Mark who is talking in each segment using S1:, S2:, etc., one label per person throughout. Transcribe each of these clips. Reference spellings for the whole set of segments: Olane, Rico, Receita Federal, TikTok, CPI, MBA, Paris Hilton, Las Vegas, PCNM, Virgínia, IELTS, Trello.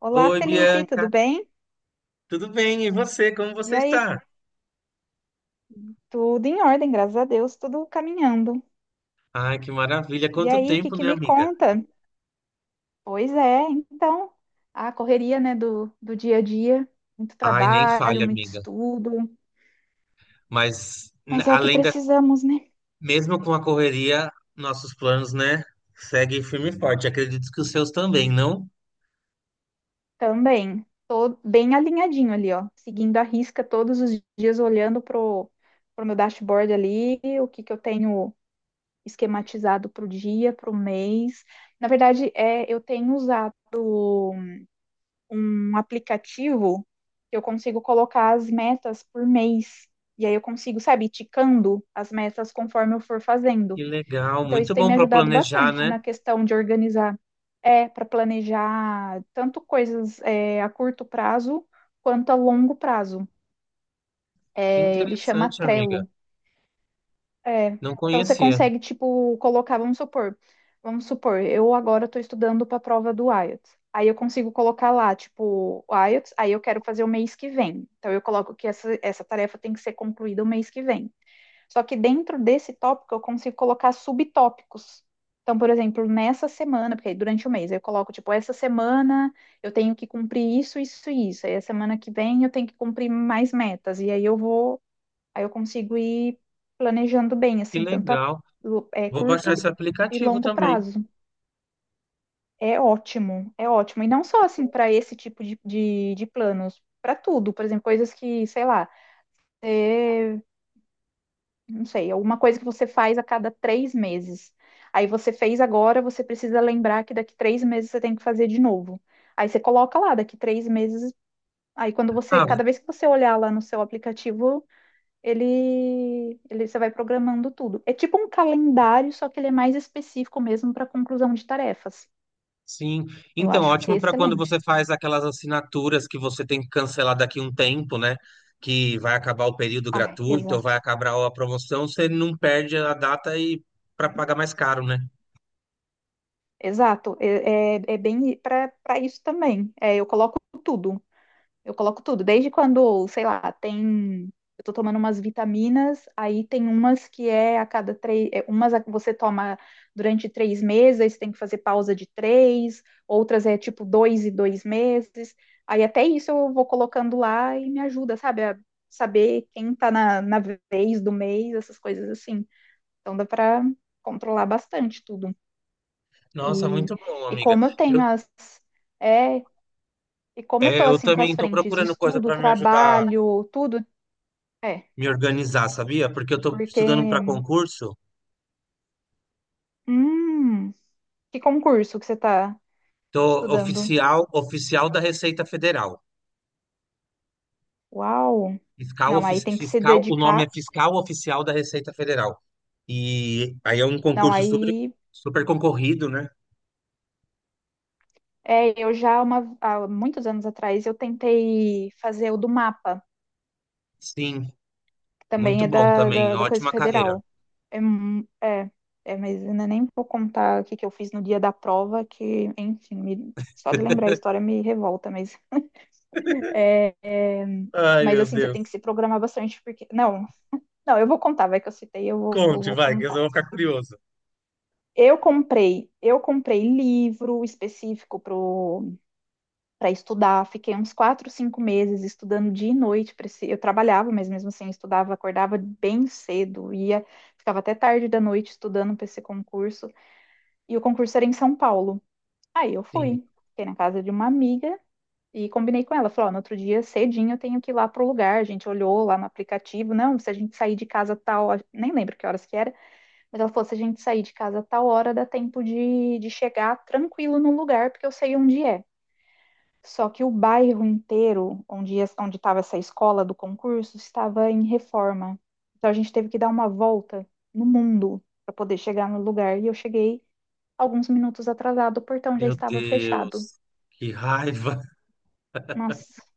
S1: Olá,
S2: Oi,
S1: Felipe, tudo
S2: Bianca.
S1: bem?
S2: Tudo bem? E você? Como
S1: E
S2: você
S1: aí,
S2: está?
S1: tudo em ordem, graças a Deus, tudo caminhando.
S2: Ai, que maravilha.
S1: E
S2: Quanto
S1: aí, o que
S2: tempo,
S1: que
S2: né,
S1: me
S2: amiga?
S1: conta? Pois é, então, a correria, né, do dia a dia, muito
S2: Ai, nem
S1: trabalho,
S2: falha,
S1: muito
S2: amiga.
S1: estudo,
S2: Mas
S1: mas é o que
S2: além da,
S1: precisamos, né?
S2: mesmo com a correria, nossos planos, né, seguem firme e forte. Acredito que os seus também, não?
S1: Também, tô bem alinhadinho ali, ó, seguindo a risca todos os dias, olhando pro meu dashboard ali, o que que eu tenho esquematizado pro dia, pro mês. Na verdade, eu tenho usado um aplicativo que eu consigo colocar as metas por mês. E aí eu consigo, sabe, ticando as metas conforme eu for fazendo.
S2: Que legal,
S1: Então isso
S2: muito
S1: tem
S2: bom
S1: me
S2: para
S1: ajudado
S2: planejar,
S1: bastante
S2: né?
S1: na questão de organizar, para planejar tanto coisas a curto prazo quanto a longo prazo.
S2: Que
S1: É, ele chama
S2: interessante, amiga.
S1: Trello. É,
S2: Não
S1: então você
S2: conhecia.
S1: consegue, tipo, colocar, vamos supor, eu agora estou estudando para a prova do IELTS. Aí eu consigo colocar lá, tipo, o IELTS, aí eu quero fazer o mês que vem. Então eu coloco que essa tarefa tem que ser concluída o mês que vem. Só que dentro desse tópico eu consigo colocar subtópicos. Então, por exemplo, nessa semana, porque aí durante o mês eu coloco, tipo, essa semana eu tenho que cumprir isso, isso e isso. Aí a semana que vem eu tenho que cumprir mais metas. E aí eu vou. Aí eu consigo ir planejando bem,
S2: Que
S1: assim, tanto a,
S2: legal.
S1: lo- é,
S2: Vou baixar
S1: curto
S2: esse
S1: e
S2: aplicativo
S1: longo
S2: também.
S1: prazo. É ótimo, é ótimo. E não só, assim, para esse tipo de planos, para tudo. Por exemplo, coisas que, sei lá, é, não sei, alguma coisa que você faz a cada três meses. Aí você fez agora, você precisa lembrar que daqui três meses você tem que fazer de novo. Aí você coloca lá, daqui três meses. Aí quando você,
S2: Ah,
S1: cada vez que você olhar lá no seu aplicativo, ele você vai programando tudo. É tipo um calendário, só que ele é mais específico mesmo para conclusão de tarefas.
S2: sim,
S1: Eu
S2: então
S1: acho
S2: ótimo para quando você
S1: excelente.
S2: faz aquelas assinaturas que você tem que cancelar daqui um tempo, né? Que vai acabar o período
S1: Ah,
S2: gratuito ou
S1: exato.
S2: vai acabar a promoção, você não perde a data e para pagar mais caro, né?
S1: Exato. É bem para isso também. É, eu coloco tudo. Eu coloco tudo, desde quando, sei lá, tem. Eu tô tomando umas vitaminas, aí tem umas que é a cada três. Umas você toma durante três meses, aí você tem que fazer pausa de três, outras é tipo dois e dois meses. Aí até isso eu vou colocando lá e me ajuda, sabe? A saber quem tá na vez do mês, essas coisas assim. Então dá pra controlar bastante tudo.
S2: Nossa,
S1: E,
S2: muito bom,
S1: e
S2: amiga.
S1: como eu
S2: Eu,
S1: tenho as. é e como eu tô
S2: eu
S1: assim com
S2: também
S1: as
S2: estou
S1: frentes,
S2: procurando coisa
S1: estudo,
S2: para me ajudar a
S1: trabalho, tudo, é,
S2: me organizar, sabia? Porque eu estou
S1: porque,
S2: estudando para concurso,
S1: hum, que concurso que você tá
S2: tô
S1: estudando?
S2: oficial, oficial da Receita Federal.
S1: Uau!
S2: Fiscal,
S1: Não, aí tem que se
S2: fiscal, o nome é
S1: dedicar.
S2: Fiscal Oficial da Receita Federal. E aí é um
S1: Não,
S2: concurso super,
S1: aí
S2: super concorrido, né?
S1: eu já uma, há muitos anos atrás eu tentei fazer o do mapa,
S2: Sim,
S1: que também
S2: muito
S1: é
S2: bom também,
S1: da coisa
S2: ótima carreira.
S1: federal. É, é, mas ainda nem vou contar o que que eu fiz no dia da prova, que, enfim, só de lembrar a história me revolta, mas é,
S2: Ai,
S1: mas
S2: meu
S1: assim, você
S2: Deus.
S1: tem que se programar bastante, porque. Não, não, eu vou contar, vai que eu citei, eu
S2: Conte,
S1: vou
S2: vai, que eu
S1: contar.
S2: vou ficar curioso.
S1: Eu comprei livro específico para estudar, fiquei uns quatro, cinco meses estudando dia e noite. Eu trabalhava, mas mesmo assim eu estudava, acordava bem cedo, ia, ficava até tarde da noite estudando para esse concurso. E o concurso era em São Paulo. Aí eu
S2: Sim,
S1: fui, fiquei na casa de uma amiga. E combinei com ela, falou, ó, no outro dia cedinho eu tenho que ir lá pro lugar, a gente olhou lá no aplicativo, não, se a gente sair de casa tal, nem lembro que horas que era, mas ela falou, se a gente sair de casa tal hora, dá tempo de chegar tranquilo no lugar, porque eu sei onde é. Só que o bairro inteiro, onde estava essa escola do concurso, estava em reforma. Então a gente teve que dar uma volta no mundo para poder chegar no lugar, e eu cheguei alguns minutos atrasado, o portão já
S2: meu
S1: estava fechado.
S2: Deus, que raiva,
S1: Nossa,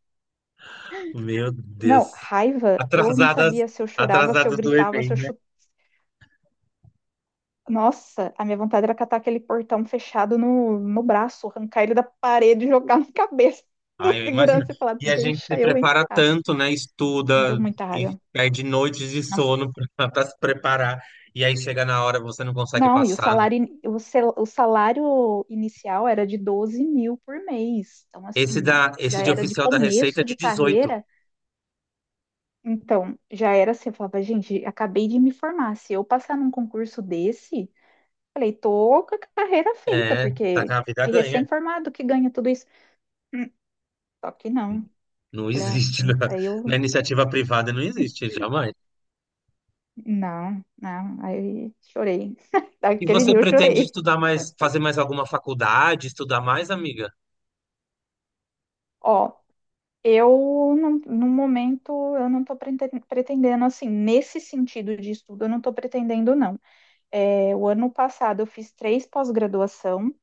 S2: meu
S1: não,
S2: Deus.
S1: raiva, eu não
S2: Atrasadas,
S1: sabia se eu chorava, se eu
S2: atrasadas do
S1: gritava, se
S2: Enem.
S1: eu chutava. Nossa, a minha vontade era catar aquele portão fechado no braço, arrancar ele da parede e jogar na cabeça do
S2: Ah, eu imagino.
S1: segurança e falar:
S2: E a gente
S1: deixa
S2: se
S1: eu
S2: prepara
S1: entrar.
S2: tanto, né? Estuda
S1: Deu muita
S2: e
S1: raiva.
S2: perde noites de
S1: Nossa.
S2: sono para se preparar. E aí chega na hora, você não consegue
S1: Não, e o
S2: passar, né?
S1: salário, o salário inicial era de 12 mil por mês. Então,
S2: Esse,
S1: assim,
S2: da,
S1: já
S2: esse de
S1: era de
S2: oficial da Receita é
S1: começo
S2: de
S1: de
S2: 18.
S1: carreira. Então, já era assim, eu falava, gente, acabei de me formar. Se eu passar num concurso desse, falei, tô com a carreira feita,
S2: É, tá com
S1: porque
S2: a vida
S1: que
S2: ganha.
S1: recém-formado que ganha tudo isso. Hum. Só que não.
S2: Não
S1: Falei, ah,
S2: existe
S1: filho, aí
S2: na
S1: eu,
S2: iniciativa privada, não existe, jamais.
S1: não, não, aí chorei.
S2: E
S1: Daquele
S2: você
S1: dia eu
S2: pretende
S1: chorei.
S2: estudar mais, fazer mais alguma faculdade, estudar mais, amiga?
S1: Ó, eu, no momento, eu não tô pretendendo, assim, nesse sentido de estudo, eu não tô pretendendo, não. É, o ano passado eu fiz três pós-graduação.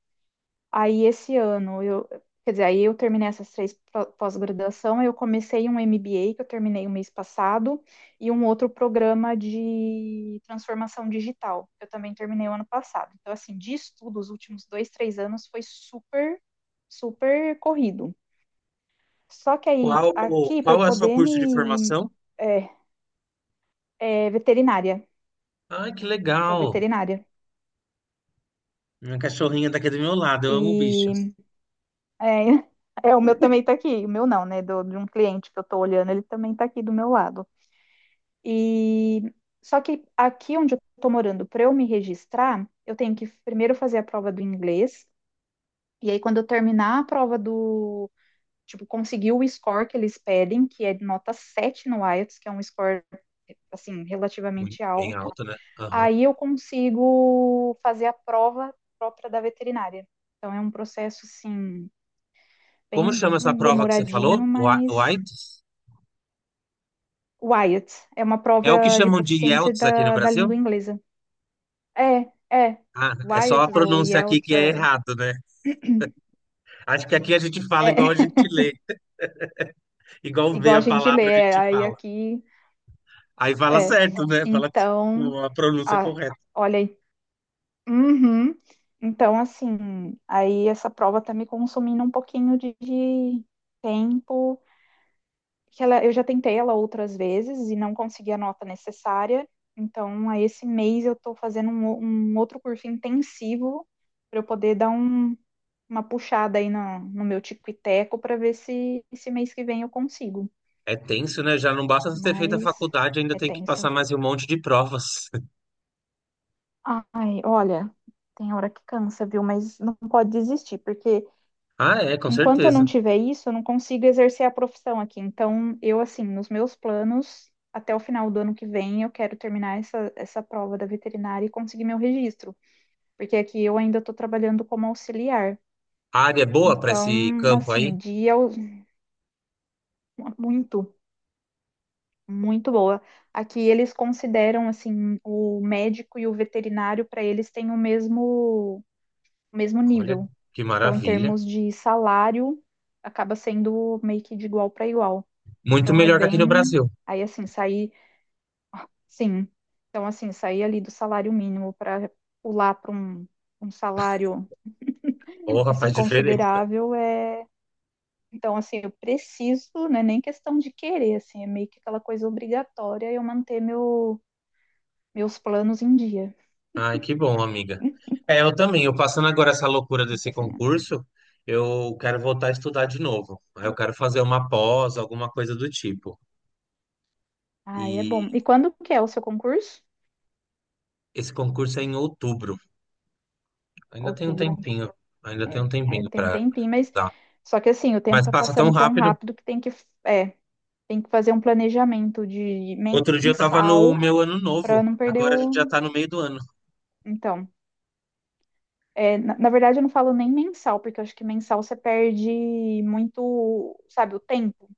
S1: Aí esse ano eu, quer dizer, aí eu terminei essas três pós-graduação, eu comecei um MBA que eu terminei o mês passado e um outro programa de transformação digital que eu também terminei o ano passado. Então assim, de estudo, os últimos dois, três anos foi super, super corrido. Só que aí
S2: Qual,
S1: aqui para eu
S2: qual é o seu
S1: poder
S2: curso de
S1: me.
S2: formação?
S1: é, É veterinária,
S2: Ai, que
S1: sou
S2: legal.
S1: veterinária
S2: Minha cachorrinha tá aqui do meu lado, eu amo o bicho.
S1: e é, é, o meu também tá aqui, o meu não, né, do, de um cliente que eu tô olhando, ele também tá aqui do meu lado. E só que aqui onde eu tô morando, para eu me registrar, eu tenho que primeiro fazer a prova do inglês, e aí quando eu terminar a prova tipo, conseguir o score que eles pedem, que é nota 7 no IELTS, que é um score assim
S2: Muito
S1: relativamente
S2: bem
S1: alto,
S2: alto, né? Aham.
S1: aí eu consigo fazer a prova própria da veterinária. Então é um processo assim
S2: Como
S1: bem
S2: chama essa prova que você falou?
S1: demoradinho,
S2: O A-
S1: mas o IELTS é uma
S2: É o que
S1: prova de
S2: chamam de
S1: proficiência
S2: IELTS aqui no
S1: da
S2: Brasil?
S1: língua inglesa. É, é.
S2: Ah, é só a
S1: Wyots ou
S2: pronúncia aqui
S1: Yelts,
S2: que é
S1: é,
S2: errado, né? Acho que aqui a gente fala igual a
S1: é.
S2: gente lê, igual vê
S1: Igual a
S2: a
S1: gente lê,
S2: palavra a
S1: é,
S2: gente
S1: aí
S2: fala.
S1: aqui,
S2: Aí fala
S1: é.
S2: certo, né? Fala
S1: Então,
S2: com a pronúncia
S1: ah,
S2: correta.
S1: olha aí. Uhum. Então, assim, aí essa prova tá me consumindo um pouquinho de tempo, que ela, eu já tentei ela outras vezes e não consegui a nota necessária. Então, aí esse mês eu tô fazendo um outro curso intensivo para eu poder dar um, uma puxada aí no meu tico e teco para ver se esse mês que vem eu consigo.
S2: É tenso, né? Já não basta você ter feito a
S1: Mas
S2: faculdade, ainda
S1: é
S2: tem que passar
S1: tenso.
S2: mais um monte de provas.
S1: Ai, olha, tem hora que cansa, viu? Mas não pode desistir, porque
S2: Ah, é, com
S1: enquanto eu
S2: certeza.
S1: não tiver isso, eu não consigo exercer a profissão aqui. Então, eu, assim, nos meus planos, até o final do ano que vem, eu quero terminar essa prova da veterinária e conseguir meu registro, porque aqui eu ainda estou trabalhando como auxiliar.
S2: A área é boa para
S1: Então,
S2: esse campo aí?
S1: assim, dia muito. Muito boa. Aqui eles consideram assim o médico e o veterinário para eles têm o mesmo
S2: Olha
S1: nível.
S2: que
S1: Então, em
S2: maravilha.
S1: termos de salário, acaba sendo meio que de igual para igual.
S2: Muito
S1: Então é
S2: melhor que aqui no
S1: bem,
S2: Brasil.
S1: aí assim sair, sim. Então assim sair ali do salário mínimo para pular para um salário
S2: Porra, faz
S1: assim
S2: diferença.
S1: considerável é. Então, assim, eu preciso, não é nem questão de querer, assim, é meio que aquela coisa obrigatória eu manter meu, meus planos em dia.
S2: Ai, que bom, amiga. É, eu também. Eu passando agora essa loucura
S1: Tem
S2: desse
S1: PCNM.
S2: concurso, eu quero voltar a estudar de novo. Aí eu quero fazer uma pós, alguma coisa do tipo.
S1: Ah, é
S2: E
S1: bom. E quando que é o seu concurso?
S2: esse concurso é em outubro. Ainda tem um
S1: Outubro.
S2: tempinho. Ainda tem
S1: É,
S2: um tempinho
S1: tem um
S2: para
S1: tempinho, mas
S2: estudar.
S1: só que assim, o tempo
S2: Mas
S1: tá
S2: passa tão
S1: passando tão
S2: rápido.
S1: rápido que tem que, é, tem que fazer um planejamento de
S2: Outro dia eu tava no
S1: mensal
S2: meu ano
S1: para
S2: novo.
S1: não perder
S2: Agora a gente já
S1: o.
S2: tá no meio do ano.
S1: Então, na verdade eu não falo nem mensal, porque eu acho que mensal você perde muito, sabe, o tempo.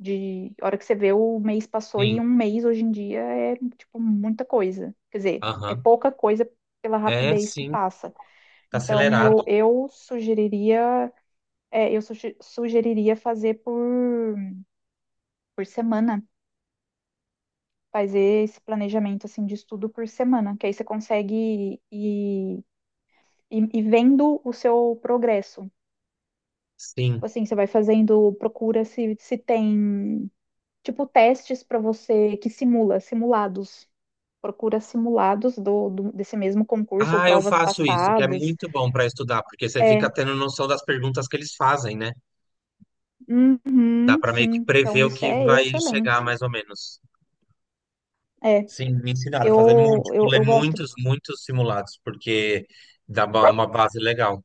S1: De a hora que você vê o mês passou
S2: Sim.
S1: e um mês hoje em dia é tipo muita coisa. Quer dizer, é
S2: Aham.
S1: pouca coisa pela
S2: É,
S1: rapidez que
S2: sim.
S1: passa.
S2: Tá
S1: Então,
S2: acelerado.
S1: eu sugeriria, sugeriria fazer por semana, fazer esse planejamento assim de estudo por semana, que aí você consegue ir, ir vendo o seu progresso.
S2: Sim.
S1: Tipo assim, você vai fazendo, procura se tem, tipo, testes para você que simulados. Procura simulados desse mesmo concurso ou
S2: Ah, eu
S1: provas
S2: faço isso, que é
S1: passadas.
S2: muito bom para estudar, porque você fica
S1: É,
S2: tendo noção das perguntas que eles fazem, né? Dá
S1: uhum,
S2: para meio que
S1: sim. Então,
S2: prever o
S1: isso
S2: que
S1: é
S2: vai chegar,
S1: excelente.
S2: mais ou menos.
S1: É.
S2: Sim, me ensinaram a fazer muito, tipo, ler
S1: Eu gosto.
S2: muitos, muitos simulados, porque uma base legal.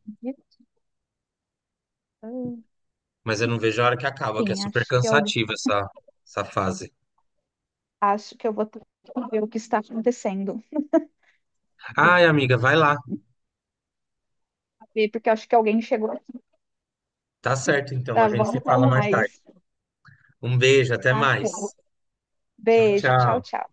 S1: Hum.
S2: Mas eu não vejo a hora que acaba, que é
S1: Sim,
S2: super
S1: acho que alguém.
S2: cansativa essa, essa fase.
S1: Acho que eu vou ter que ver o que está acontecendo. Eu vou
S2: Ai, amiga, vai lá.
S1: ver, porque eu acho que alguém chegou aqui.
S2: Tá certo, então. A
S1: Tá
S2: gente
S1: bom,
S2: se
S1: até
S2: fala mais tarde.
S1: mais.
S2: Um beijo, até
S1: Tá
S2: mais.
S1: bom.
S2: Tchau,
S1: Beijo, tchau,
S2: tchau.
S1: tchau.